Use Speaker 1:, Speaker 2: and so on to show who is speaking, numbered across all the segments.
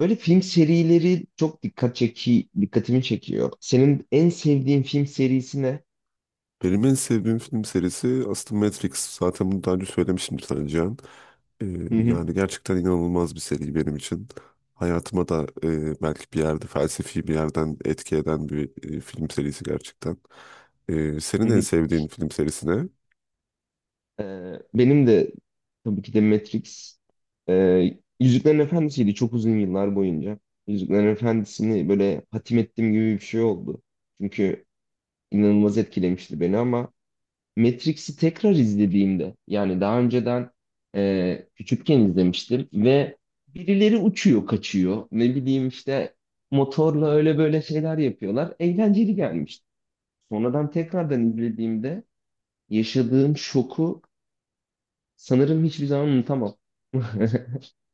Speaker 1: Böyle film serileri çok dikkatimi çekiyor. Senin en sevdiğin film serisi ne?
Speaker 2: Benim en sevdiğim film serisi aslında Matrix. Zaten bunu daha önce söylemişimdir sana Cihan. Ee,
Speaker 1: Hı hı,
Speaker 2: yani gerçekten inanılmaz bir seri benim için. Hayatıma da belki bir yerde felsefi bir yerden etki eden bir film serisi gerçekten. Senin
Speaker 1: hı
Speaker 2: en
Speaker 1: hı.
Speaker 2: sevdiğin film serisi ne?
Speaker 1: Benim de tabii ki de Matrix. Yüzüklerin Efendisi'ydi çok uzun yıllar boyunca. Yüzüklerin Efendisi'ni böyle hatim ettiğim gibi bir şey oldu. Çünkü inanılmaz etkilemişti beni ama Matrix'i tekrar izlediğimde yani daha önceden küçükken izlemiştim ve birileri uçuyor, kaçıyor. Ne bileyim işte motorla öyle böyle şeyler yapıyorlar. Eğlenceli gelmişti. Sonradan tekrardan izlediğimde yaşadığım şoku sanırım hiçbir zaman unutamam.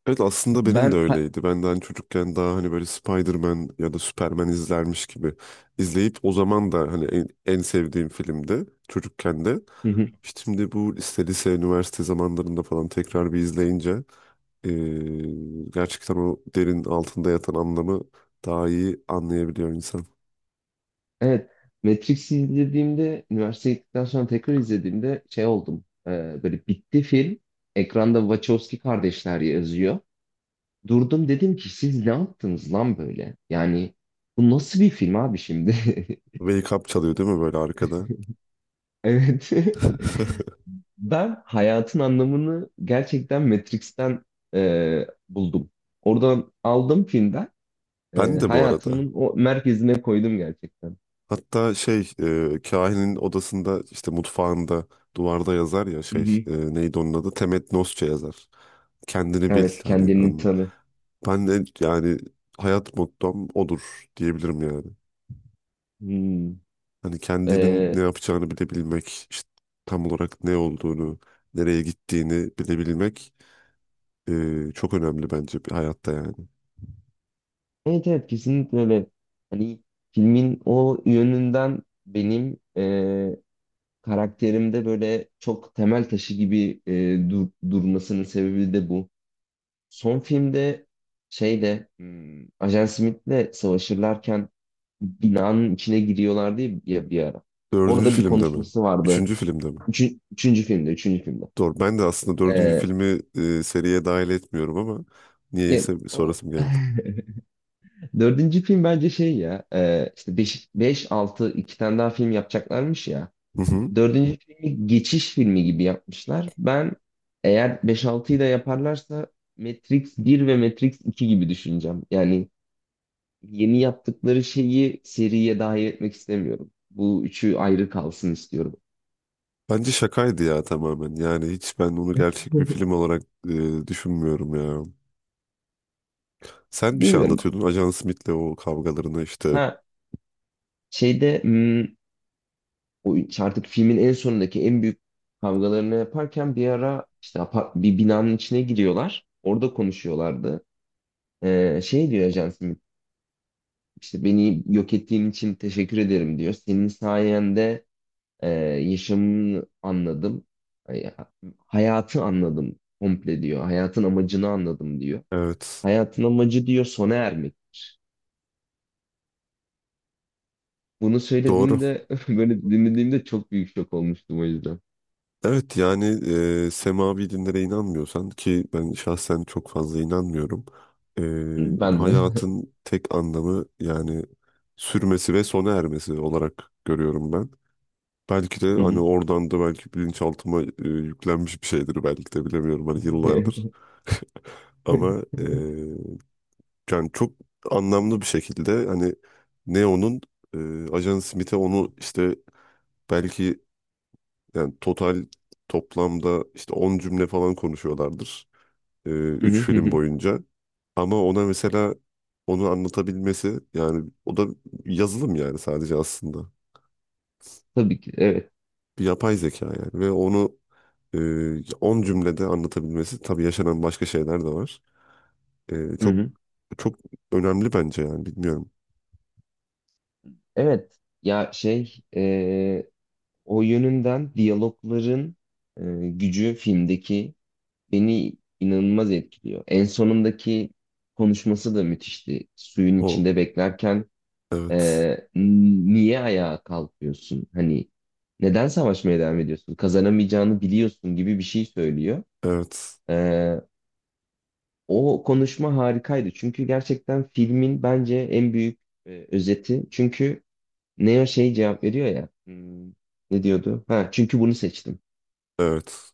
Speaker 2: Evet aslında benim
Speaker 1: Ben
Speaker 2: de
Speaker 1: ha-
Speaker 2: öyleydi. Ben de hani çocukken daha hani böyle Spider-Man ya da Superman izlermiş gibi izleyip o zaman da hani en sevdiğim filmdi çocukken de.
Speaker 1: Hı hı.
Speaker 2: Şimdi bu lise, üniversite zamanlarında falan tekrar bir izleyince gerçekten o derin altında yatan anlamı daha iyi anlayabiliyor insan.
Speaker 1: Evet, Matrix'i izlediğimde üniversiteye gittikten sonra tekrar izlediğimde şey oldum. Böyle bitti film. Ekranda Wachowski kardeşler yazıyor. Durdum dedim ki siz ne yaptınız lan böyle? Yani bu nasıl bir film abi şimdi?
Speaker 2: Wake Up çalıyor değil mi böyle arkada?
Speaker 1: Evet. Ben hayatın anlamını gerçekten Matrix'ten buldum. Oradan aldım filmden. e,
Speaker 2: Ben de bu arada.
Speaker 1: Hayatımın o merkezine koydum gerçekten.
Speaker 2: Hatta kahinin odasında işte mutfağında duvarda yazar ya
Speaker 1: Hı hı.
Speaker 2: neydi onun adı? Temet Nosça yazar. Kendini bil
Speaker 1: Evet,
Speaker 2: hani.
Speaker 1: kendini
Speaker 2: Anla.
Speaker 1: tanı.
Speaker 2: Ben de yani hayat mottom odur diyebilirim yani.
Speaker 1: Hmm.
Speaker 2: Hani kendinin ne
Speaker 1: E,
Speaker 2: yapacağını bilebilmek, işte tam olarak ne olduğunu, nereye gittiğini bilebilmek çok önemli bence bir hayatta yani.
Speaker 1: evet evet, kesinlikle öyle. Hani filmin o yönünden benim karakterimde böyle çok temel taşı gibi durmasının sebebi de bu. Son filmde şeyde Ajan Smith'le savaşırlarken binanın içine giriyorlardı ya bir ara.
Speaker 2: Dördüncü
Speaker 1: Orada bir
Speaker 2: filmde mi?
Speaker 1: konuşması vardı.
Speaker 2: Üçüncü filmde mi?
Speaker 1: Üçüncü filmde, üçüncü filmde.
Speaker 2: Doğru. Ben de aslında dördüncü
Speaker 1: Ee,
Speaker 2: filmi seriye dahil etmiyorum ama
Speaker 1: ya-
Speaker 2: niyeyse bir
Speaker 1: o-
Speaker 2: sorasım geldi.
Speaker 1: dördüncü film bence şey ya işte 5, 6 iki tane daha film yapacaklarmış ya.
Speaker 2: Hı hı.
Speaker 1: Dördüncü filmi geçiş filmi gibi yapmışlar. Ben eğer beş altıyı da yaparlarsa Matrix bir ve Matrix iki gibi düşüneceğim. Yani yeni yaptıkları şeyi seriye dahil etmek istemiyorum. Bu üçü ayrı kalsın istiyorum.
Speaker 2: Bence şakaydı ya tamamen. Yani hiç ben onu gerçek bir film olarak düşünmüyorum ya. Sen bir şey
Speaker 1: Bilmiyorum.
Speaker 2: anlatıyordun. Ajan Smith'le o kavgalarını işte.
Speaker 1: Ha şeyde artık filmin en sonundaki en büyük kavgalarını yaparken bir ara işte bir binanın içine giriyorlar. Orada konuşuyorlardı. Şey diyor Ajan, İşte beni yok ettiğin için teşekkür ederim diyor. Senin sayende e, yaşamını anladım. Hay- Hayatı anladım komple diyor. Hayatın amacını anladım diyor.
Speaker 2: Evet.
Speaker 1: Hayatın amacı diyor sona ermek. Bunu
Speaker 2: Doğru.
Speaker 1: söylediğinde böyle dinlediğimde çok büyük şok olmuştum o yüzden.
Speaker 2: Evet yani semavi dinlere inanmıyorsan ki ben şahsen çok fazla inanmıyorum. E,
Speaker 1: Ben de.
Speaker 2: hayatın tek anlamı yani sürmesi ve sona ermesi olarak görüyorum ben. Belki de
Speaker 1: Hı
Speaker 2: hani
Speaker 1: hı.
Speaker 2: oradan da belki bilinçaltıma yüklenmiş bir şeydir belki de bilemiyorum hani yıllardır. Ama yani çok anlamlı bir şekilde hani Neo'nun e, Ajan Smith'e onu işte belki yani total toplamda işte 10 cümle falan konuşuyorlardır.
Speaker 1: Hı
Speaker 2: Üç
Speaker 1: hı hı
Speaker 2: film
Speaker 1: hı.
Speaker 2: boyunca. Ama ona mesela onu anlatabilmesi yani o da yazılım yani sadece aslında.
Speaker 1: Tabii ki evet.
Speaker 2: Bir yapay zeka yani ve onu e, 10 cümlede anlatabilmesi tabii yaşanan başka şeyler de var. E,
Speaker 1: Hı
Speaker 2: çok
Speaker 1: hı.
Speaker 2: çok önemli bence yani bilmiyorum.
Speaker 1: Evet ya o yönünden diyalogların e, gücü filmdeki beni inanılmaz etkiliyor. En sonundaki konuşması da müthişti. Suyun
Speaker 2: O
Speaker 1: içinde beklerken e,
Speaker 2: evet.
Speaker 1: niye ayağa kalkıyorsun? Hani neden savaşmaya devam ediyorsun? Kazanamayacağını biliyorsun gibi bir şey söylüyor.
Speaker 2: Evet.
Speaker 1: E, O konuşma harikaydı. Çünkü gerçekten filmin bence en büyük özeti. Çünkü Neo şey cevap veriyor ya. Ne diyordu? Ha, çünkü bunu seçtim.
Speaker 2: Evet.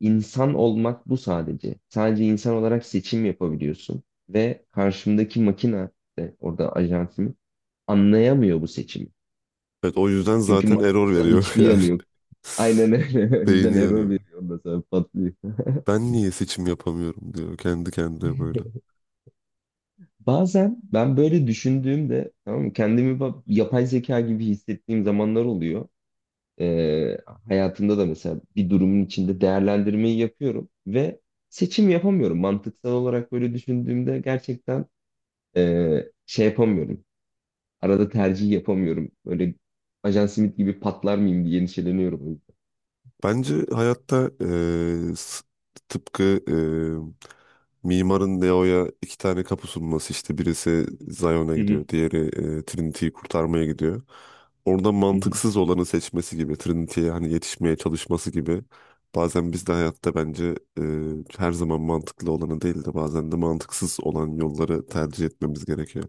Speaker 1: İnsan olmak bu sadece. Sadece insan olarak seçim yapabiliyorsun ve karşımdaki makine de orada ajansım anlayamıyor bu seçimi.
Speaker 2: Evet o yüzden
Speaker 1: Çünkü
Speaker 2: zaten error
Speaker 1: mantıksal
Speaker 2: veriyor
Speaker 1: hiçbir
Speaker 2: yani.
Speaker 1: yanı yok. Aynen öyle. O
Speaker 2: Beyni
Speaker 1: yüzden error
Speaker 2: yanıyor.
Speaker 1: veriyor, ondan sonra patlıyor.
Speaker 2: Ben niye seçim yapamıyorum diyor kendi kendine böyle.
Speaker 1: Bazen ben böyle düşündüğümde tamam mı, kendimi yapay zeka gibi hissettiğim zamanlar oluyor. Ee, Hayatımda da mesela bir durumun içinde değerlendirmeyi yapıyorum ve seçim yapamıyorum. Mantıksal olarak böyle düşündüğümde gerçekten Ee, şey yapamıyorum. Arada tercih yapamıyorum. Böyle Ajan Smith gibi patlar mıyım diye endişeleniyorum o yüzden.
Speaker 2: Bence hayatta tıpkı eee, mimarın Neo'ya iki tane kapı sunması işte birisi Zion'a
Speaker 1: Hı
Speaker 2: gidiyor, diğeri Trinity'yi kurtarmaya gidiyor. Orada
Speaker 1: hı, hı hı.
Speaker 2: mantıksız olanı seçmesi gibi, Trinity'ye hani yetişmeye çalışması gibi. Bazen biz de hayatta bence her zaman mantıklı olanı değil de bazen de mantıksız olan yolları tercih etmemiz gerekiyor.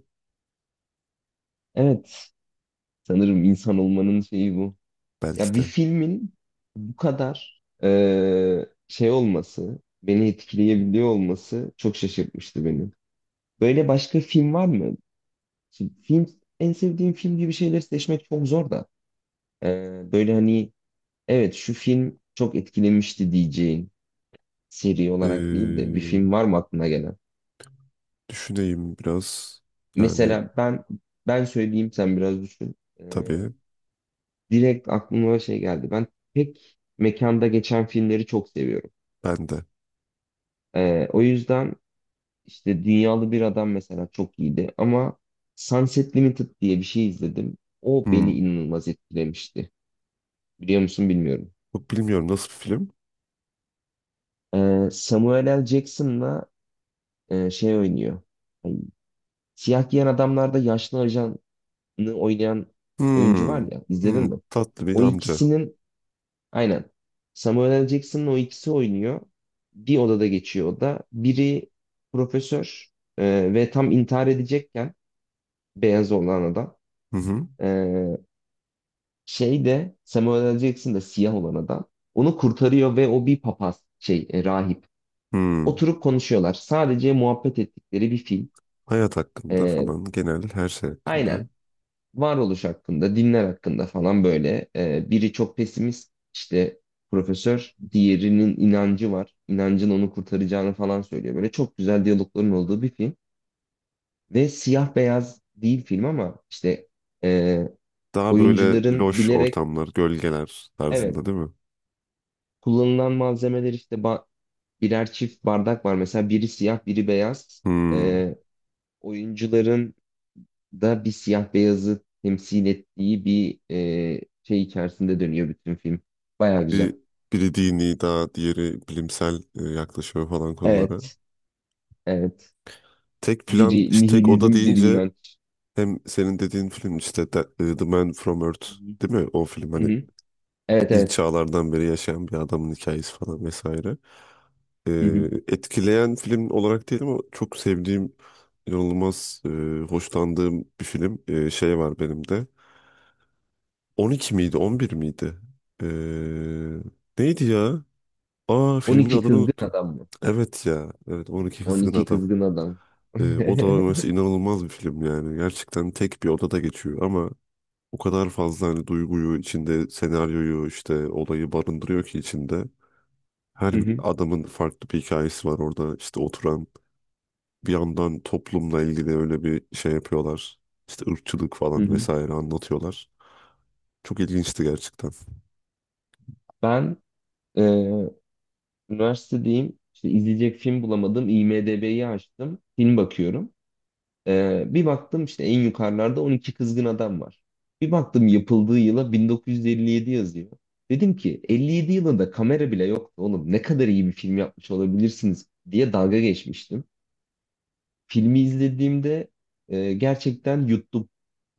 Speaker 1: Evet. Sanırım insan olmanın şeyi bu. Ya
Speaker 2: Belki
Speaker 1: bir
Speaker 2: de.
Speaker 1: filmin bu kadar şey olması, beni etkileyebiliyor olması çok şaşırtmıştı beni. Böyle başka film var mı? Şimdi film, en sevdiğim film gibi şeyleri seçmek çok zor da. Böyle hani evet, şu film çok etkilemişti diyeceğin, seri olarak değil de bir
Speaker 2: Eee,
Speaker 1: film var mı aklına gelen?
Speaker 2: düşüneyim biraz. Yani
Speaker 1: Mesela ben söyleyeyim sen biraz düşün.
Speaker 2: tabii
Speaker 1: Direkt aklıma şey geldi. Ben tek mekanda geçen filmleri çok seviyorum.
Speaker 2: ben de.
Speaker 1: O yüzden işte Dünyalı Bir Adam mesela çok iyiydi ama Sunset Limited diye bir şey izledim. O beni
Speaker 2: Hmm.
Speaker 1: inanılmaz etkilemişti. Biliyor musun bilmiyorum.
Speaker 2: Yok, bilmiyorum nasıl bir film.
Speaker 1: Samuel L. Jackson'la şey oynuyor. Ay, siyah giyen adamlarda yaşlı ajan oynayan oyuncu var
Speaker 2: Hmm.
Speaker 1: ya izledin
Speaker 2: Hmm.
Speaker 1: mi?
Speaker 2: Tatlı bir
Speaker 1: O
Speaker 2: amca.
Speaker 1: ikisinin, aynen, Samuel L. Jackson'ın, o ikisi oynuyor. Bir odada geçiyor o da. Biri profesör ve tam intihar edecekken beyaz olan adam,
Speaker 2: Hı hı.
Speaker 1: e, şey de Samuel L. Jackson da siyah olan adam onu kurtarıyor ve o bir papaz, şey rahip.
Speaker 2: Hmm.
Speaker 1: Oturup konuşuyorlar. Sadece muhabbet ettikleri bir film.
Speaker 2: Hayat hakkında
Speaker 1: E,
Speaker 2: falan genel her şey
Speaker 1: aynen,
Speaker 2: hakkında.
Speaker 1: varoluş hakkında, dinler hakkında falan böyle. Biri çok pesimist, işte profesör, diğerinin inancı var. İnancın onu kurtaracağını falan söylüyor. Böyle çok güzel diyalogların olduğu bir film. Ve siyah beyaz değil film ama işte e,
Speaker 2: Daha böyle
Speaker 1: oyuncuların
Speaker 2: loş
Speaker 1: bilerek,
Speaker 2: ortamlar, gölgeler
Speaker 1: evet,
Speaker 2: tarzında değil mi?
Speaker 1: kullanılan malzemeler işte birer çift bardak var. Mesela biri siyah, biri beyaz.
Speaker 2: Hmm.
Speaker 1: E, Oyuncuların da bir siyah beyazı temsil ettiği bir şey içerisinde dönüyor bütün film. Baya güzel.
Speaker 2: Bir, biri dini daha diğeri bilimsel yaklaşıyor falan konulara.
Speaker 1: Evet, evet.
Speaker 2: Tek plan,
Speaker 1: Biri
Speaker 2: işte tek oda
Speaker 1: nihilizm, biri
Speaker 2: deyince
Speaker 1: inanç.
Speaker 2: hem senin dediğin film işte The Man From Earth
Speaker 1: Hı hı.
Speaker 2: değil mi? O film
Speaker 1: Hı
Speaker 2: hani
Speaker 1: hı. Evet,
Speaker 2: ilk
Speaker 1: evet.
Speaker 2: çağlardan beri yaşayan bir adamın hikayesi falan vesaire. e,
Speaker 1: Hı hı.
Speaker 2: etkileyen film olarak değil ama çok sevdiğim, inanılmaz hoşlandığım bir film şey var benim de. 12 miydi, 11 miydi? E, neydi ya? Aa filmin
Speaker 1: 12
Speaker 2: adını
Speaker 1: kızgın
Speaker 2: unuttum.
Speaker 1: adam mı?
Speaker 2: Evet ya, evet 12 Kızgın
Speaker 1: 12
Speaker 2: Adam.
Speaker 1: kızgın adam.
Speaker 2: O da mesela inanılmaz bir film yani. Gerçekten tek bir odada geçiyor ama o kadar fazla hani duyguyu içinde, senaryoyu işte olayı barındırıyor ki içinde.
Speaker 1: Hı
Speaker 2: Her bir
Speaker 1: hı,
Speaker 2: adamın farklı bir hikayesi var orada. İşte oturan bir yandan toplumla ilgili öyle bir şey yapıyorlar. İşte ırkçılık
Speaker 1: hı
Speaker 2: falan
Speaker 1: hı.
Speaker 2: vesaire anlatıyorlar. Çok ilginçti gerçekten.
Speaker 1: Ben e, üniversitedeyim. İşte izleyecek film bulamadım. IMDb'yi açtım. Film bakıyorum. Bir baktım işte en yukarılarda 12 kızgın adam var. Bir baktım yapıldığı yıla 1957 yazıyor. Dedim ki 57 yılında kamera bile yoktu oğlum. Ne kadar iyi bir film yapmış olabilirsiniz diye dalga geçmiştim. Filmi izlediğimde gerçekten yuttum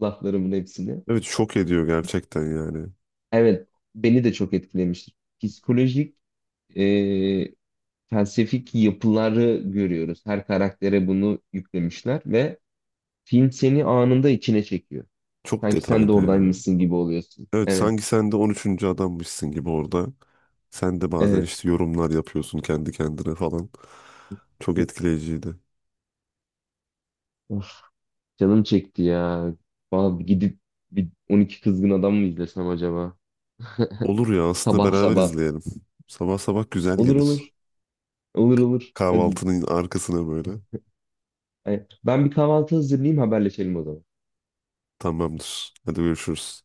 Speaker 1: laflarımın hepsini.
Speaker 2: Evet şok ediyor gerçekten yani.
Speaker 1: Evet, beni de çok etkilemiştir. Psikolojik, e, felsefik yapıları görüyoruz. Her karaktere bunu yüklemişler ve film seni anında içine çekiyor.
Speaker 2: Çok
Speaker 1: Sanki sen de
Speaker 2: detaylı ya.
Speaker 1: oradaymışsın gibi oluyorsun.
Speaker 2: Evet
Speaker 1: Evet.
Speaker 2: sanki sen de on üçüncü adammışsın gibi orada. Sen de bazen
Speaker 1: Evet.
Speaker 2: işte yorumlar yapıyorsun kendi kendine falan. Çok etkileyiciydi.
Speaker 1: Of, canım çekti ya. Vallahi bir gidip bir 12 kızgın adam mı izlesem acaba?
Speaker 2: Olur ya aslında
Speaker 1: Sabah
Speaker 2: beraber
Speaker 1: sabah.
Speaker 2: izleyelim. Sabah sabah güzel
Speaker 1: Olur
Speaker 2: gelir.
Speaker 1: olur. Olur olur. Hadi.
Speaker 2: Kahvaltının arkasına böyle.
Speaker 1: Ay, ben bir kahvaltı hazırlayayım haberleşelim o zaman.
Speaker 2: Tamamdır. Hadi görüşürüz.